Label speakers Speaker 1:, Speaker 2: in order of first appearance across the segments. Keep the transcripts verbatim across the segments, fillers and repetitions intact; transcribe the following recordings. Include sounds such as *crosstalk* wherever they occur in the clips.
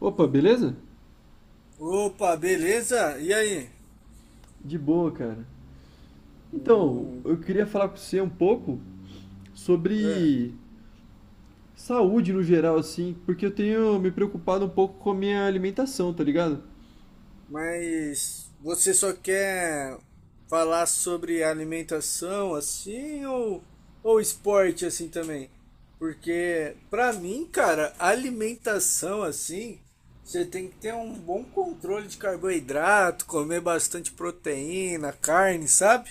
Speaker 1: Opa, beleza?
Speaker 2: Opa, beleza? E aí?
Speaker 1: De boa, cara. Então,
Speaker 2: Hum,
Speaker 1: eu queria falar com você um pouco
Speaker 2: é,
Speaker 1: sobre saúde no geral, assim, porque eu tenho me preocupado um pouco com a minha alimentação, tá ligado?
Speaker 2: mas você só quer falar sobre alimentação assim ou, ou esporte assim também? Porque pra mim, cara, alimentação assim, você tem que ter um bom controle de carboidrato, comer bastante proteína, carne, sabe?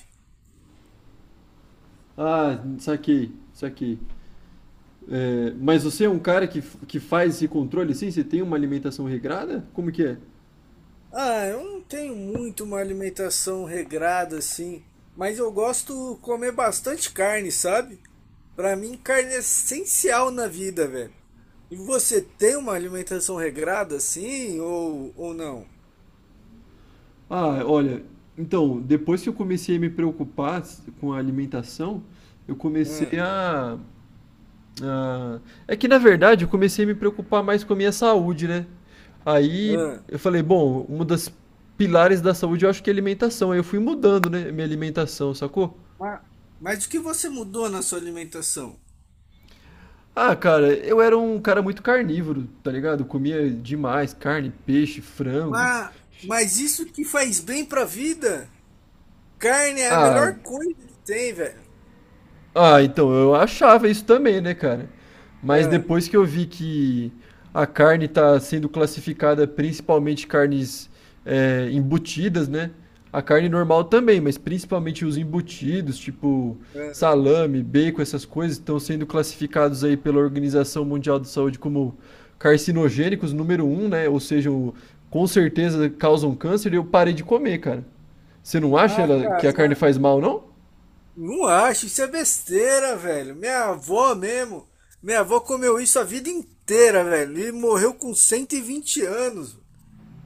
Speaker 1: Ah, saquei, saquei. É, mas você é um cara que, f- que faz esse controle, assim? Você tem uma alimentação regrada? Como que é?
Speaker 2: Ah, eu não tenho muito uma alimentação regrada assim, mas eu gosto de comer bastante carne, sabe? Pra mim, carne é essencial na vida, velho. E você tem uma alimentação regrada assim ou, ou não?
Speaker 1: Ah, olha, então, depois que eu comecei a me preocupar s- com a alimentação, eu
Speaker 2: Ah,
Speaker 1: comecei a Ah, é que na verdade eu comecei a me preocupar mais com a minha saúde, né? Aí
Speaker 2: ah.
Speaker 1: eu falei, bom, um dos pilares da saúde eu acho que é alimentação. Aí eu fui mudando, né, minha alimentação, sacou?
Speaker 2: Ma- Mas, o que você mudou na sua alimentação?
Speaker 1: Ah, cara, eu era um cara muito carnívoro, tá ligado? Eu comia demais carne, peixe, frango.
Speaker 2: Mas, mas isso que faz bem pra vida? Carne é a
Speaker 1: Ah,
Speaker 2: melhor coisa que tem, velho.
Speaker 1: Ah, então, eu achava isso também, né, cara? Mas
Speaker 2: Ah,
Speaker 1: depois que eu vi que a carne tá sendo classificada principalmente carnes é, embutidas, né? A carne normal também, mas principalmente os embutidos, tipo
Speaker 2: ah.
Speaker 1: salame, bacon, essas coisas, estão sendo classificados aí pela Organização Mundial de Saúde como carcinogênicos número um, né? Ou seja, o- com certeza causam câncer e eu parei de comer, cara. Você não acha
Speaker 2: Ah,
Speaker 1: ela-
Speaker 2: cara,
Speaker 1: que a carne faz mal, não?
Speaker 2: não acho, isso é besteira, velho. Minha avó mesmo. Minha avó comeu isso a vida inteira, velho. E morreu com cento e vinte anos.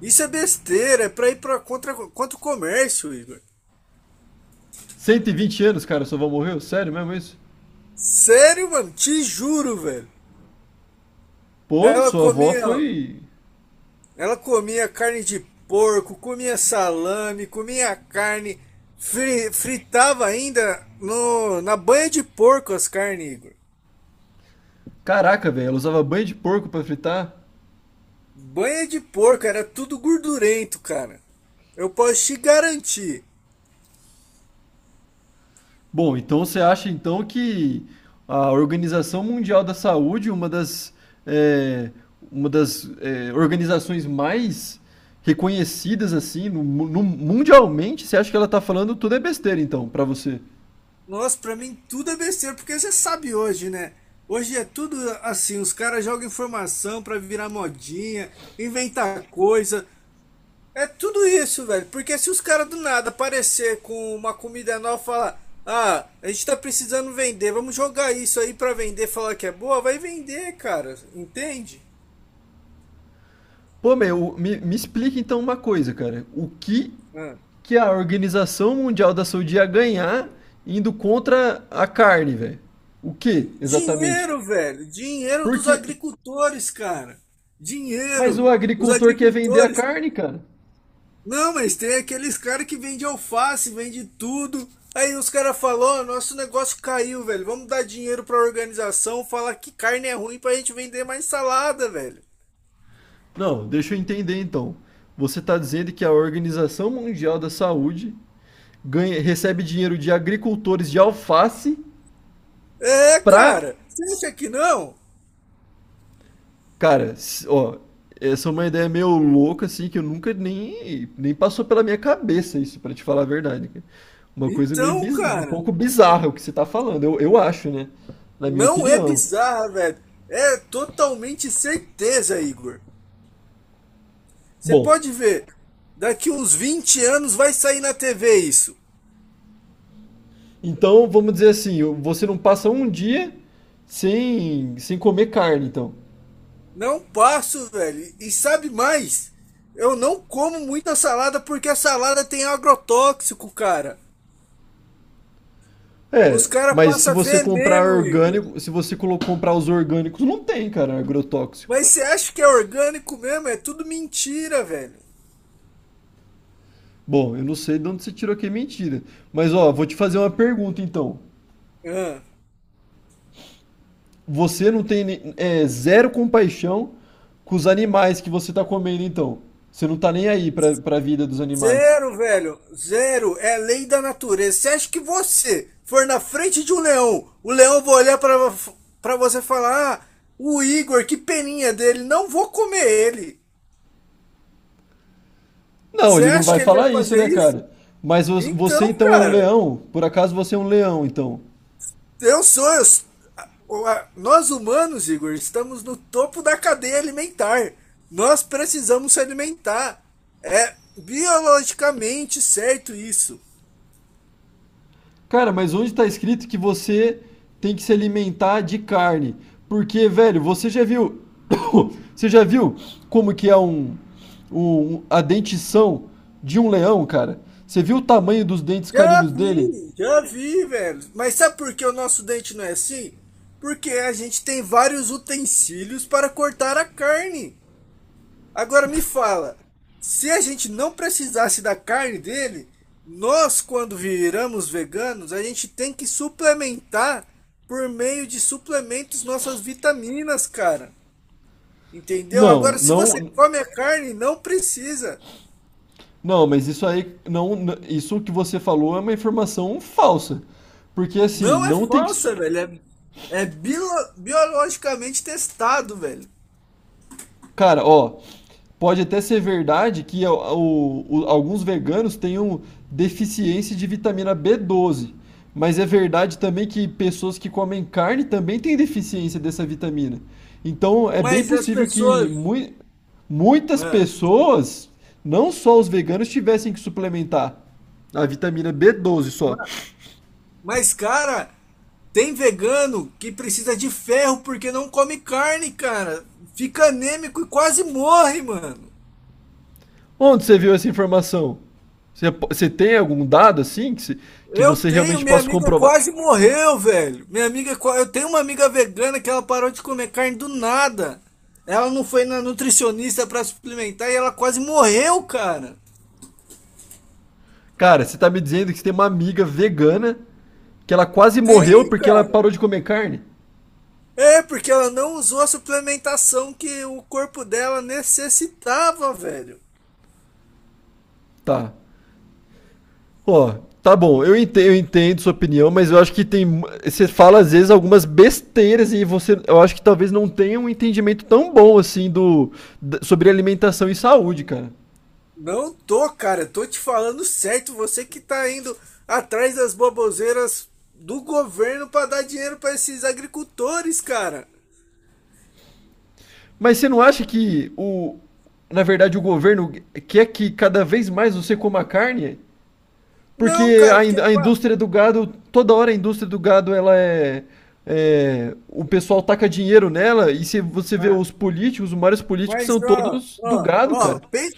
Speaker 2: Isso é besteira, é pra ir pra contra, contra o comércio, Igor.
Speaker 1: Cento e vinte anos, cara, sua avó morreu? Sério mesmo isso?
Speaker 2: Sério, mano, te juro, velho.
Speaker 1: Pô,
Speaker 2: Ela
Speaker 1: sua avó
Speaker 2: comia,
Speaker 1: foi.
Speaker 2: ela comia carne de porco, comia salame, comia carne, fri- fritava ainda no, na banha de porco as carnes, Igor.
Speaker 1: Caraca, velho, ela usava banho de porco pra fritar?
Speaker 2: Banha de porco era tudo gordurento, cara. Eu posso te garantir.
Speaker 1: Bom, então você acha então que a Organização Mundial da Saúde, uma das, é, uma das é, organizações mais reconhecidas assim no, mu- no- mundialmente, você acha que ela tá falando tudo é besteira então, pra você?
Speaker 2: Nossa, pra mim tudo é besteira, porque você sabe hoje, né? Hoje é tudo assim, os caras jogam informação pra virar modinha, inventar coisa. É tudo isso, velho. Porque se os caras do nada aparecer com uma comida nova e falar, ah, a gente tá precisando vender, vamos jogar isso aí pra vender, falar que é boa, vai vender, cara. Entende?
Speaker 1: Pô, meu, me, me explica então uma coisa, cara. O que
Speaker 2: Ah.
Speaker 1: que a Organização Mundial da Saúde ia ganhar indo contra a carne, velho. O que exatamente?
Speaker 2: Dinheiro, velho. Dinheiro dos
Speaker 1: Porque.
Speaker 2: agricultores, cara.
Speaker 1: Mas o
Speaker 2: Dinheiro. Os
Speaker 1: agricultor quer vender a
Speaker 2: agricultores.
Speaker 1: carne, cara.
Speaker 2: Não, mas tem aqueles caras que vendem alface, vende tudo. Aí os caras falaram, nosso negócio caiu, velho. Vamos dar dinheiro pra organização, falar que carne é ruim pra gente vender mais salada, velho.
Speaker 1: Não, deixa eu entender então. Você está dizendo que a Organização Mundial da Saúde ganha- recebe dinheiro de agricultores de alface
Speaker 2: É,
Speaker 1: para.
Speaker 2: cara. Você acha que não?
Speaker 1: Cara, s- ó, essa é uma ideia meio louca, assim, que eu nunca nem, nem passou pela minha cabeça isso, pra te falar a verdade, cara. Uma coisa meio
Speaker 2: Então,
Speaker 1: biz- um
Speaker 2: cara,
Speaker 1: pouco bizarra o que você tá falando, eu, eu acho, né? Na minha
Speaker 2: não é
Speaker 1: opinião.
Speaker 2: bizarra, velho. É totalmente certeza, Igor. Você
Speaker 1: Bom,
Speaker 2: pode ver, daqui uns vinte anos vai sair na T V isso.
Speaker 1: então vamos dizer assim, você não passa um dia sem, sem comer carne, então.
Speaker 2: Não passo, velho. E sabe mais? Eu não como muita salada porque a salada tem agrotóxico, cara.
Speaker 1: É,
Speaker 2: Os caras
Speaker 1: mas se
Speaker 2: passam
Speaker 1: você comprar
Speaker 2: veneno, Igor.
Speaker 1: orgânico, se você colo- comprar os orgânicos, não tem, cara, agrotóxico.
Speaker 2: Mas você acha que é orgânico mesmo? É tudo mentira, velho.
Speaker 1: Bom, eu não sei de onde você tirou que é mentira. Mas ó, vou te fazer uma pergunta então.
Speaker 2: Ah.
Speaker 1: Você não tem é, zero compaixão com os animais que você tá comendo, então. Você não tá nem aí pra, pra vida dos animais.
Speaker 2: Zero, velho. Zero. É lei da natureza. Você acha que você for na frente de um leão, o leão vai olhar pra, pra você e falar: ah, o Igor, que peninha dele, não vou comer ele.
Speaker 1: Não,
Speaker 2: Você
Speaker 1: ele não
Speaker 2: acha
Speaker 1: vai
Speaker 2: que ele vai
Speaker 1: falar isso,
Speaker 2: fazer
Speaker 1: né,
Speaker 2: isso?
Speaker 1: cara? Mas vo- você
Speaker 2: Então,
Speaker 1: então é um
Speaker 2: cara,
Speaker 1: leão? Por acaso você é um leão, então?
Speaker 2: eu sou. Eu sou- a- o- a- nós humanos, Igor, estamos no topo da cadeia alimentar. Nós precisamos se alimentar. É biologicamente certo isso.
Speaker 1: Cara, mas onde tá escrito que você tem que se alimentar de carne? Porque, velho, você já viu. *coughs* Você já viu como que é um, um- um, a dentição de um leão, cara? Você viu o tamanho dos dentes
Speaker 2: Já
Speaker 1: caninos dele?
Speaker 2: vi, já vi, velho. Mas sabe por que o nosso dente não é assim? Porque a gente tem vários utensílios para cortar a carne. Agora me fala, se a gente não precisasse da carne dele, nós, quando viramos veganos, a gente tem que suplementar por meio de suplementos nossas vitaminas, cara. Entendeu?
Speaker 1: Não,
Speaker 2: Agora, se você
Speaker 1: não.
Speaker 2: come a carne, não precisa.
Speaker 1: Não, mas isso aí não, n- isso que você falou é uma informação falsa. Porque assim,
Speaker 2: Não é
Speaker 1: não tem que, s-
Speaker 2: falsa, velho. É, é bilo- biologicamente testado, velho.
Speaker 1: cara, ó, pode até ser verdade que o- o- o- alguns veganos tenham deficiência de vitamina B doze, mas é verdade também que pessoas que comem carne também têm deficiência dessa vitamina. Então, é bem
Speaker 2: Mas as
Speaker 1: possível que
Speaker 2: pessoas.
Speaker 1: mui- muitas
Speaker 2: Ah,
Speaker 1: pessoas, não só os veganos, tivessem que suplementar a vitamina B doze só.
Speaker 2: ma- mas, cara, tem vegano que precisa de ferro porque não come carne, cara. Fica anêmico e quase morre, mano.
Speaker 1: Onde você viu essa informação? Você, você tem algum dado assim que, se- que
Speaker 2: Eu
Speaker 1: você
Speaker 2: tenho,
Speaker 1: realmente
Speaker 2: minha
Speaker 1: possa
Speaker 2: amiga
Speaker 1: comprovar?
Speaker 2: quase morreu, velho. Minha amiga, qua- eu tenho uma amiga vegana que ela parou de comer carne do nada. Ela não foi na nutricionista pra suplementar e ela quase morreu, cara.
Speaker 1: Cara, você tá me dizendo que você tem uma amiga vegana que ela quase morreu
Speaker 2: Tem,
Speaker 1: porque ela
Speaker 2: cara.
Speaker 1: parou de comer carne?
Speaker 2: É, porque ela não usou a suplementação que o corpo dela necessitava, velho.
Speaker 1: Tá. Ó, tá bom, eu entendo, eu entendo sua opinião, mas eu acho que tem. Você fala às vezes algumas besteiras e você. Eu acho que talvez não tenha um entendimento tão bom assim do. da- sobre alimentação e saúde, cara.
Speaker 2: Não tô, cara. Tô te falando certo. Você que tá indo atrás das baboseiras do governo pra dar dinheiro pra esses agricultores, cara.
Speaker 1: Mas você não acha que o, na verdade, o governo quer que cada vez mais você coma carne?
Speaker 2: Não,
Speaker 1: Porque
Speaker 2: cara,
Speaker 1: a, in-
Speaker 2: porque.
Speaker 1: a
Speaker 2: Pa...
Speaker 1: indústria do gado, toda hora a indústria do gado, ela é, é, o pessoal taca dinheiro nela, e se você vê
Speaker 2: Ah,
Speaker 1: os políticos, os maiores políticos
Speaker 2: mas,
Speaker 1: são
Speaker 2: ó,
Speaker 1: todos do
Speaker 2: ó,
Speaker 1: gado,
Speaker 2: ó,
Speaker 1: cara.
Speaker 2: pen-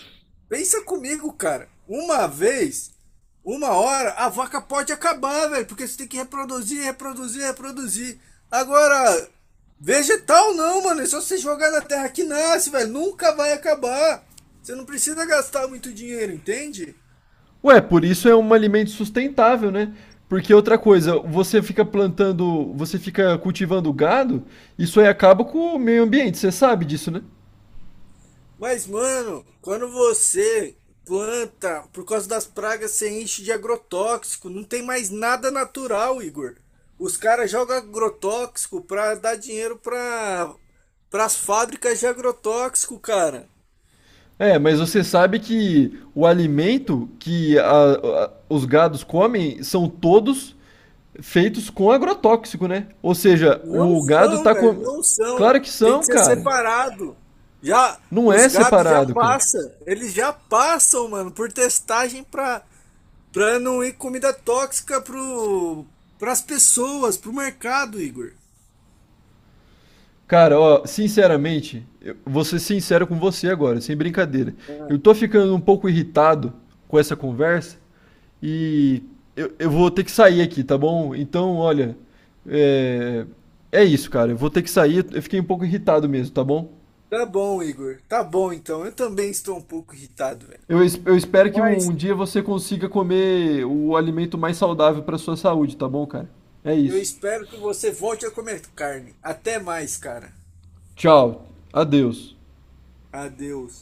Speaker 2: pensa comigo, cara. Uma vez, uma hora, a vaca pode acabar, velho, porque você tem que reproduzir, reproduzir, reproduzir. Agora, vegetal não, mano, é só você jogar na terra que nasce, velho, nunca vai acabar. Você não precisa gastar muito dinheiro, entende?
Speaker 1: Ué, por isso é um alimento sustentável, né? Porque outra coisa, você fica plantando, você fica cultivando gado, isso aí acaba com o meio ambiente, você sabe disso, né?
Speaker 2: Mas, mano, quando você planta, por causa das pragas, você enche de agrotóxico, não tem mais nada natural, Igor. Os caras jogam agrotóxico pra dar dinheiro pra, pras fábricas de agrotóxico, cara.
Speaker 1: É, mas você sabe que o alimento que a- a- os gados comem são todos feitos com agrotóxico, né? Ou seja,
Speaker 2: Não
Speaker 1: o gado
Speaker 2: são,
Speaker 1: tá
Speaker 2: velho,
Speaker 1: com.
Speaker 2: não são.
Speaker 1: Claro que
Speaker 2: Tem
Speaker 1: são,
Speaker 2: que ser
Speaker 1: cara.
Speaker 2: separado. Já
Speaker 1: Não
Speaker 2: os
Speaker 1: é
Speaker 2: gados já
Speaker 1: separado, cara.
Speaker 2: passa, eles já passam, mano, por testagem pra para não ir comida tóxica pro pras pessoas, pro mercado, Igor.
Speaker 1: Cara, ó, sinceramente, eu vou ser sincero com você agora, sem brincadeira.
Speaker 2: Ah,
Speaker 1: Eu tô ficando um pouco irritado com essa conversa e eu, eu vou ter que sair aqui, tá bom? Então, olha, é, é isso, cara. Eu vou ter que sair. Eu fiquei um pouco irritado mesmo, tá bom?
Speaker 2: tá bom, Igor. Tá bom, então. Eu também estou um pouco irritado, velho.
Speaker 1: Eu, es- eu espero que
Speaker 2: Mas
Speaker 1: um dia você consiga comer o alimento mais saudável pra sua saúde, tá bom, cara? É
Speaker 2: eu
Speaker 1: isso.
Speaker 2: espero que você volte a comer carne. Até mais, cara.
Speaker 1: Tchau. Adeus.
Speaker 2: Adeus.